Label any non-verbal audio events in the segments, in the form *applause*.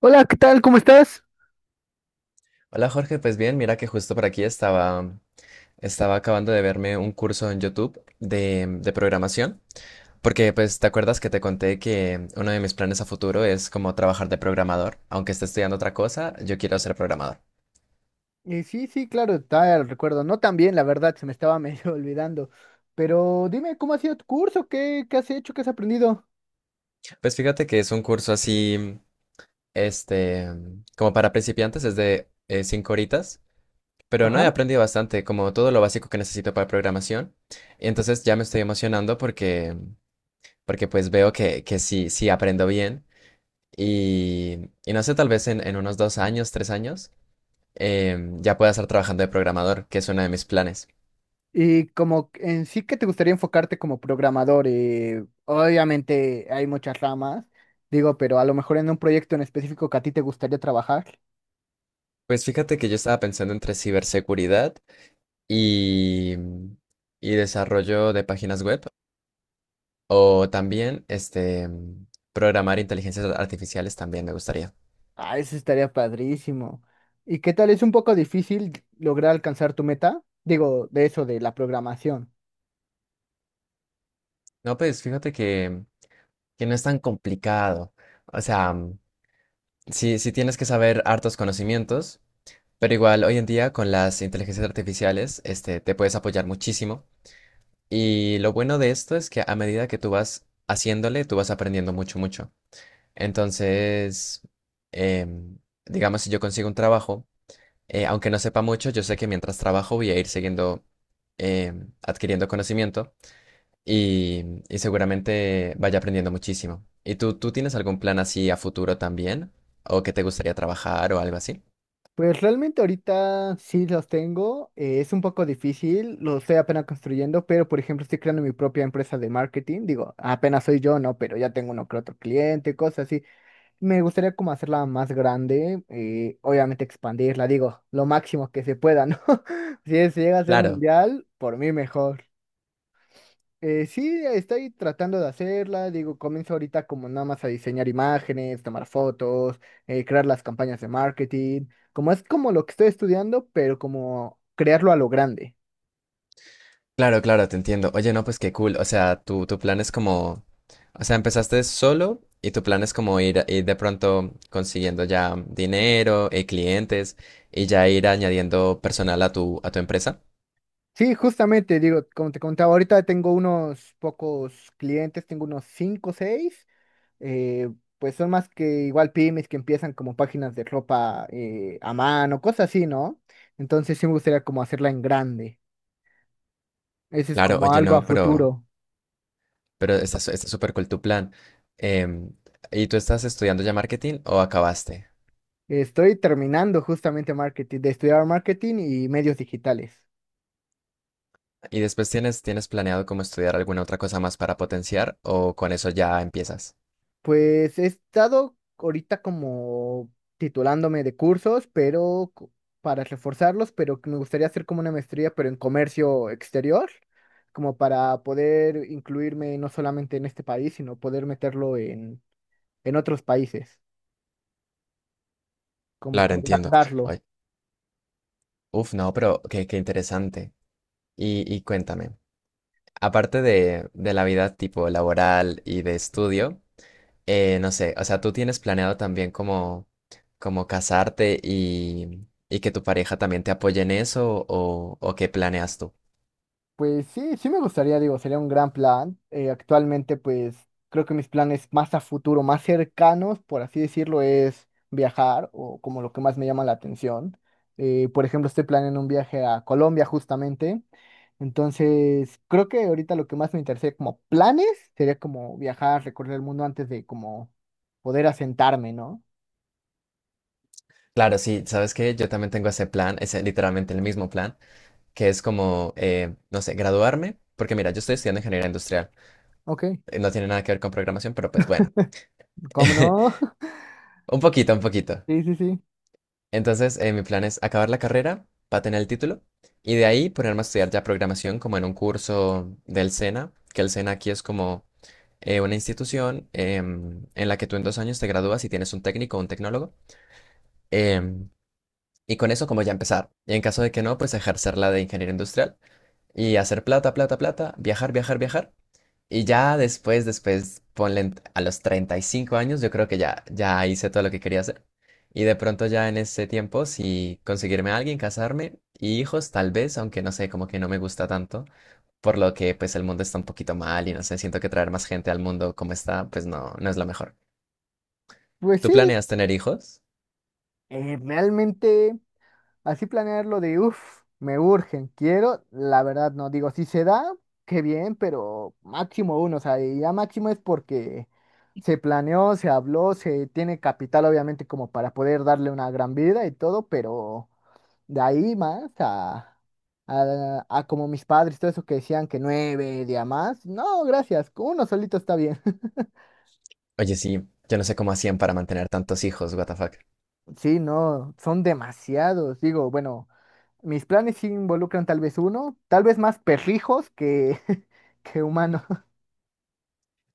Hola, ¿qué tal? ¿Cómo estás? Hola Jorge, pues bien, mira que justo por aquí estaba, estaba acabando de verme un curso en YouTube de programación, porque pues te acuerdas que te conté que uno de mis planes a futuro es como trabajar de programador, aunque esté estudiando otra cosa, yo quiero ser programador. Sí, sí, claro, está el recuerdo. No tan bien, la verdad, se me estaba medio *laughs* olvidando. Pero dime, ¿cómo ha sido tu curso? ¿Qué has hecho? ¿Qué has aprendido? Pues fíjate que es un curso así, este, como para principiantes, es de 5 horitas, pero no he Ajá. aprendido bastante, como todo lo básico que necesito para programación, y entonces ya me estoy emocionando porque pues veo que sí, sí aprendo bien. Y no sé, tal vez en unos 2 años, 3 años, ya pueda estar trabajando de programador, que es uno de mis planes. Y como en sí que te gustaría enfocarte como programador. Obviamente hay muchas ramas, digo, pero a lo mejor en un proyecto en específico que a ti te gustaría trabajar. Pues fíjate que yo estaba pensando entre ciberseguridad y, y desarrollo de páginas web, o también programar inteligencias artificiales también me gustaría. Ah, eso estaría padrísimo. ¿Y qué tal? ¿Es un poco difícil lograr alcanzar tu meta? Digo, de eso, de la programación. No, pues fíjate que no es tan complicado. O sea, mm, sí, sí tienes que saber hartos conocimientos, pero igual hoy en día con las inteligencias artificiales, este, te puedes apoyar muchísimo. Y lo bueno de esto es que a medida que tú vas haciéndole, tú vas aprendiendo mucho, mucho. Entonces, em, digamos, si yo consigo un trabajo, aunque no sepa mucho, yo sé que mientras trabajo voy a ir siguiendo adquiriendo conocimiento y seguramente vaya aprendiendo muchísimo. ¿Y tú tienes algún plan así a futuro también? ¿O que te gustaría trabajar o algo así? Pues realmente ahorita sí los tengo, es un poco difícil, lo estoy apenas construyendo, pero por ejemplo estoy creando mi propia empresa de marketing, digo, apenas soy yo, ¿no? Pero ya tengo uno que otro cliente, cosas así. Me gustaría como hacerla más grande, obviamente expandirla, digo, lo máximo que se pueda, ¿no? *laughs* Si se llega a ser Claro. mundial, por mí mejor. Sí, estoy tratando de hacerla, digo, comienzo ahorita como nada más a diseñar imágenes, tomar fotos, crear las campañas de marketing, como es como lo que estoy estudiando, pero como crearlo a lo grande. Claro, claro, te entiendo. Oye, no, pues qué cool. O sea, tu plan es o sea, empezaste solo y tu plan es como ir, ir de pronto consiguiendo ya dinero, clientes y ya ir añadiendo personal a a tu empresa. Sí, justamente, digo, como te contaba, ahorita tengo unos pocos clientes, tengo unos 5 o 6, pues son más que igual pymes que empiezan como páginas de ropa a mano, cosas así, ¿no? Entonces sí me gustaría como hacerla en grande, ese es Claro, como oye, algo a no, futuro. pero está, está súper cool tu plan. Em, ¿y tú estás estudiando ya marketing o acabaste? Estoy terminando justamente marketing, de estudiar marketing y medios digitales. ¿Y después tienes planeado como estudiar alguna otra cosa más para potenciar o con eso ya empiezas? Pues he estado ahorita como titulándome de cursos, pero co- para reforzarlos, pero que me gustaría hacer como una maestría, pero en comercio exterior, como para poder incluirme no solamente en este país, sino poder meterlo en otros países, como que Claro, entiendo. agrandarlo. Oye, uf, no, pero qué interesante. Y cuéntame, aparte de la vida tipo laboral y de estudio, no sé, o sea, ¿tú tienes planeado también como, como casarte y que tu pareja también te apoye en eso o qué planeas tú? Pues sí, sí me gustaría, digo, sería un gran plan. Actualmente, pues creo que mis planes más a futuro, más cercanos, por así decirlo, es viajar o como lo que más me llama la atención. Por ejemplo, estoy planeando un viaje a Colombia justamente. Entonces, creo que ahorita lo que más me interesa como planes sería como viajar, recorrer el mundo antes de como poder asentarme, ¿no? Claro, sí, sabes que yo también tengo ese plan, es literalmente el mismo plan, que es como, no sé, graduarme, porque mira, yo estoy estudiando ingeniería industrial, Ok, no tiene nada que ver con programación, pero pues bueno, ¿cómo no? *laughs* *laughs* un poquito, un poquito. Sí, sí, sí. Entonces, mi plan es acabar la carrera para tener el título y de ahí ponerme a estudiar ya programación como en un curso del SENA, que el SENA aquí es como una institución em, en la que tú en 2 años te gradúas y tienes un técnico o un tecnólogo. Em, y con eso como ya empezar. Y en caso de que no, pues ejercer la de ingeniero industrial y hacer plata, plata, plata, viajar, viajar, viajar. Y ya después, después, ponle a los 35 años, yo creo que ya, ya hice todo lo que quería hacer. Y de pronto ya en ese tiempo, si conseguirme a alguien, casarme y hijos, tal vez, aunque no sé, como que no me gusta tanto, por lo que pues el mundo está un poquito mal y no sé, siento que traer más gente al mundo como está, pues no, no es lo mejor. Pues ¿Tú sí, planeas tener hijos? Realmente. Así planearlo de, uff, me urgen, quiero, la verdad no, digo, si se da, qué bien, pero máximo uno, o sea, y ya máximo es porque se planeó, se habló, se tiene capital obviamente como para poder darle una gran vida y todo, pero de ahí más a como mis padres, todo eso que decían que nueve, día más, no, gracias, con uno solito está bien. *laughs* Oye, sí, yo no sé cómo hacían para mantener tantos hijos, what the fuck. Sí, no, son demasiados, digo, bueno. Mis planes sí involucran tal vez uno, tal vez más perrijos que, *laughs* que humanos.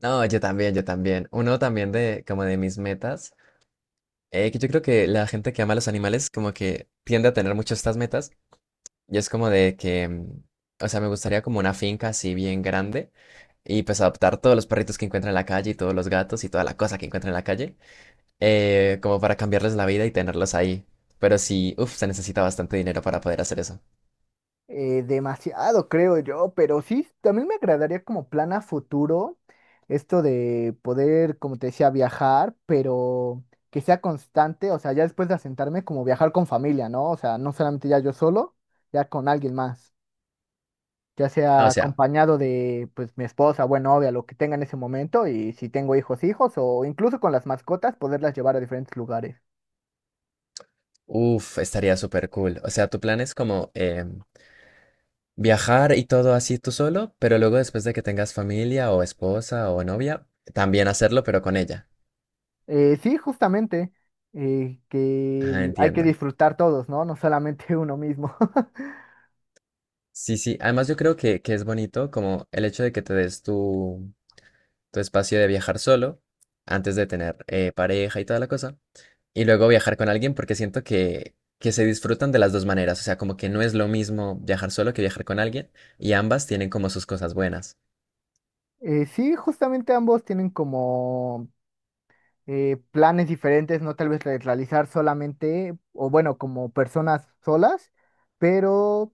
No, yo también, yo también. Uno también de como de mis metas. Que yo creo que la gente que ama a los animales como que tiende a tener mucho estas metas y es como de que, mm, o sea, me gustaría como una finca así bien grande y pues adoptar todos los perritos que encuentre en la calle y todos los gatos y toda la cosa que encuentre en la calle, como para cambiarles la vida y tenerlos ahí. Pero sí, uff, se necesita bastante dinero para poder hacer eso. Demasiado, creo yo, pero sí, también me agradaría como plan a futuro esto de poder, como te decía, viajar, pero que sea constante, o sea, ya después de asentarme, como viajar con familia, ¿no? O sea, no solamente ya yo solo, ya con alguien más, ya Ah, sea o sea, acompañado de, pues, mi esposa, buena novia, lo que tenga en ese momento, y si tengo hijos, hijos, o incluso con las mascotas, poderlas llevar a diferentes lugares. uff, estaría súper cool. O sea, tu plan es como viajar y todo así tú solo, pero luego después de que tengas familia o esposa o novia, también hacerlo, pero con ella. Sí, justamente, que Ah, hay que entiendo. disfrutar todos, ¿no? No solamente uno mismo. *laughs* Sí, sí. Además, yo creo que es bonito como el hecho de que te des tu espacio de viajar solo antes de tener pareja y toda la cosa. Y luego viajar con alguien porque siento que se disfrutan de las dos maneras. O sea, como que no es lo mismo viajar solo que viajar con alguien. Y ambas tienen como sus cosas buenas. Sí, justamente ambos tienen como planes diferentes, no tal vez de realizar solamente, o bueno, como personas solas, pero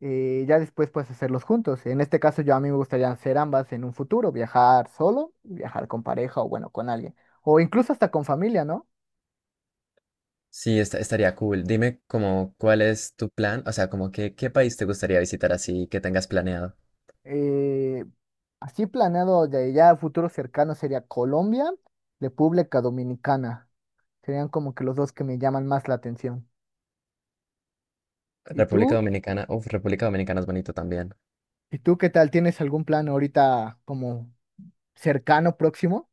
ya después puedes hacerlos juntos. En este caso, yo a mí me gustaría hacer ambas en un futuro, viajar solo, viajar con pareja o bueno, con alguien, o incluso hasta con familia, ¿no? Sí, estaría cool. Dime como cuál es tu plan. O sea, como que qué país te gustaría visitar así que tengas planeado. Eh, Así planeado de ya a futuro cercano sería Colombia, República Dominicana. Serían como que los dos que me llaman más la atención. ¿Y República tú? Dominicana. Uf, República Dominicana es bonito también. ¿Y tú qué tal? ¿Tienes algún plan ahorita como cercano, próximo?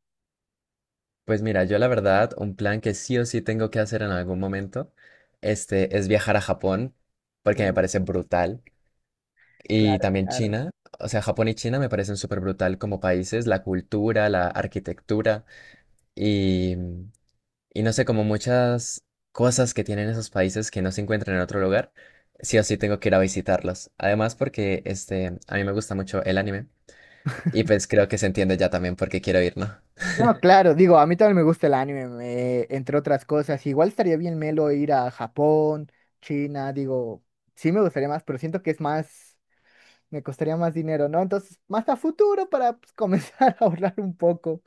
Pues mira, yo la verdad, un plan que sí o sí tengo que hacer en algún momento, este, es viajar a Japón, porque me Uh, parece brutal, y claro, también claro. China, o sea, Japón y China me parecen súper brutal como países, la cultura, la arquitectura, y, y no sé, como muchas cosas que tienen esos países que no se encuentran en otro lugar, sí o sí tengo que ir a visitarlos. Además, porque, este, a mí me gusta mucho el anime, y pues creo que se entiende ya también por qué quiero ir, ¿no? Bueno, *laughs* claro, digo, a mí también me gusta el anime, me- entre otras cosas. Igual estaría bien melo ir a Japón, China, digo, sí me gustaría más, pero siento que es más. Me costaría más dinero, ¿no? Entonces, más a futuro para pues, comenzar *laughs* a ahorrar un poco.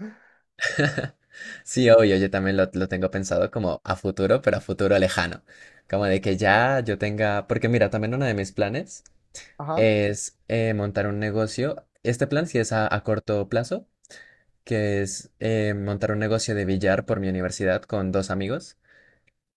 Sí, obvio, yo también lo tengo pensado como a futuro, pero a futuro lejano. Como de que ya yo tenga, porque mira, también uno de mis planes Ajá. es montar un negocio. Este plan sí es a corto plazo, que es montar un negocio de billar por mi universidad con dos amigos.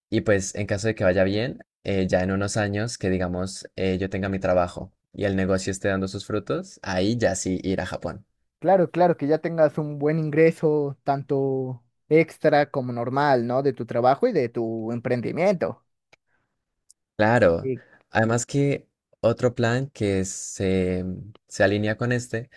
Y pues en caso de que vaya bien, ya en unos años que digamos yo tenga mi trabajo y el negocio esté dando sus frutos, ahí ya sí ir a Japón. Claro, claro, que ya tengas un buen ingreso, tanto extra como normal, ¿no? De tu trabajo y de tu emprendimiento. Claro, Y además que otro plan que se, mm, se alinea con este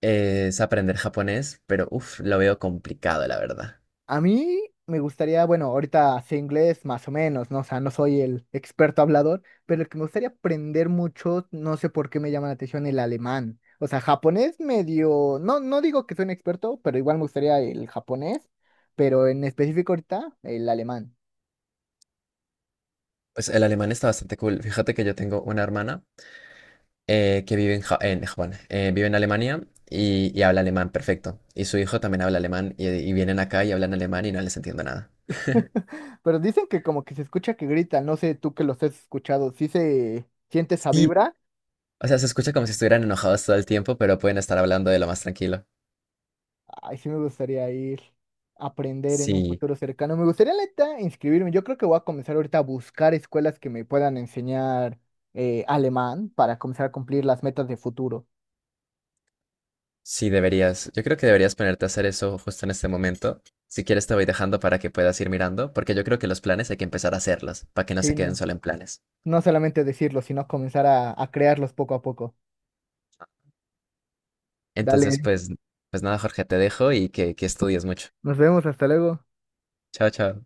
es aprender japonés, pero uff, lo veo complicado, la verdad. a mí me gustaría, bueno, ahorita sé inglés más o menos, ¿no? O sea, no soy el experto hablador, pero el que me gustaría aprender mucho, no sé por qué me llama la atención el alemán. O sea, japonés medio, no, no digo que soy un experto, pero igual me gustaría el japonés, pero en específico ahorita el alemán. Pues el alemán está bastante cool. Fíjate que yo tengo una hermana que vive en, en Japón, vive en Alemania y habla alemán perfecto. Y su hijo también habla alemán y vienen acá y hablan alemán y no les entiendo nada. *laughs* Pero dicen que como que se escucha que gritan, no sé tú que los has escuchado, ¿sí se siente esa Sí, vibra? o sea, se escucha como si estuvieran enojados todo el tiempo, pero pueden estar hablando de lo más tranquilo. Ay, sí me gustaría ir a aprender en un Sí. futuro cercano. Me gustaría, la neta, inscribirme. Yo creo que voy a comenzar ahorita a buscar escuelas que me puedan enseñar alemán para comenzar a cumplir las metas de futuro. Sí, deberías. Yo creo que deberías ponerte a hacer eso justo en este momento. Si quieres, te voy dejando para que puedas ir mirando, porque yo creo que los planes hay que empezar a hacerlos, para que no Sí, se queden no. solo en planes. No solamente decirlo, sino comenzar a crearlos poco a poco. Entonces, Dale, pues, pues nada, Jorge, te dejo y que estudies mucho. nos vemos, hasta luego. Chao, chao.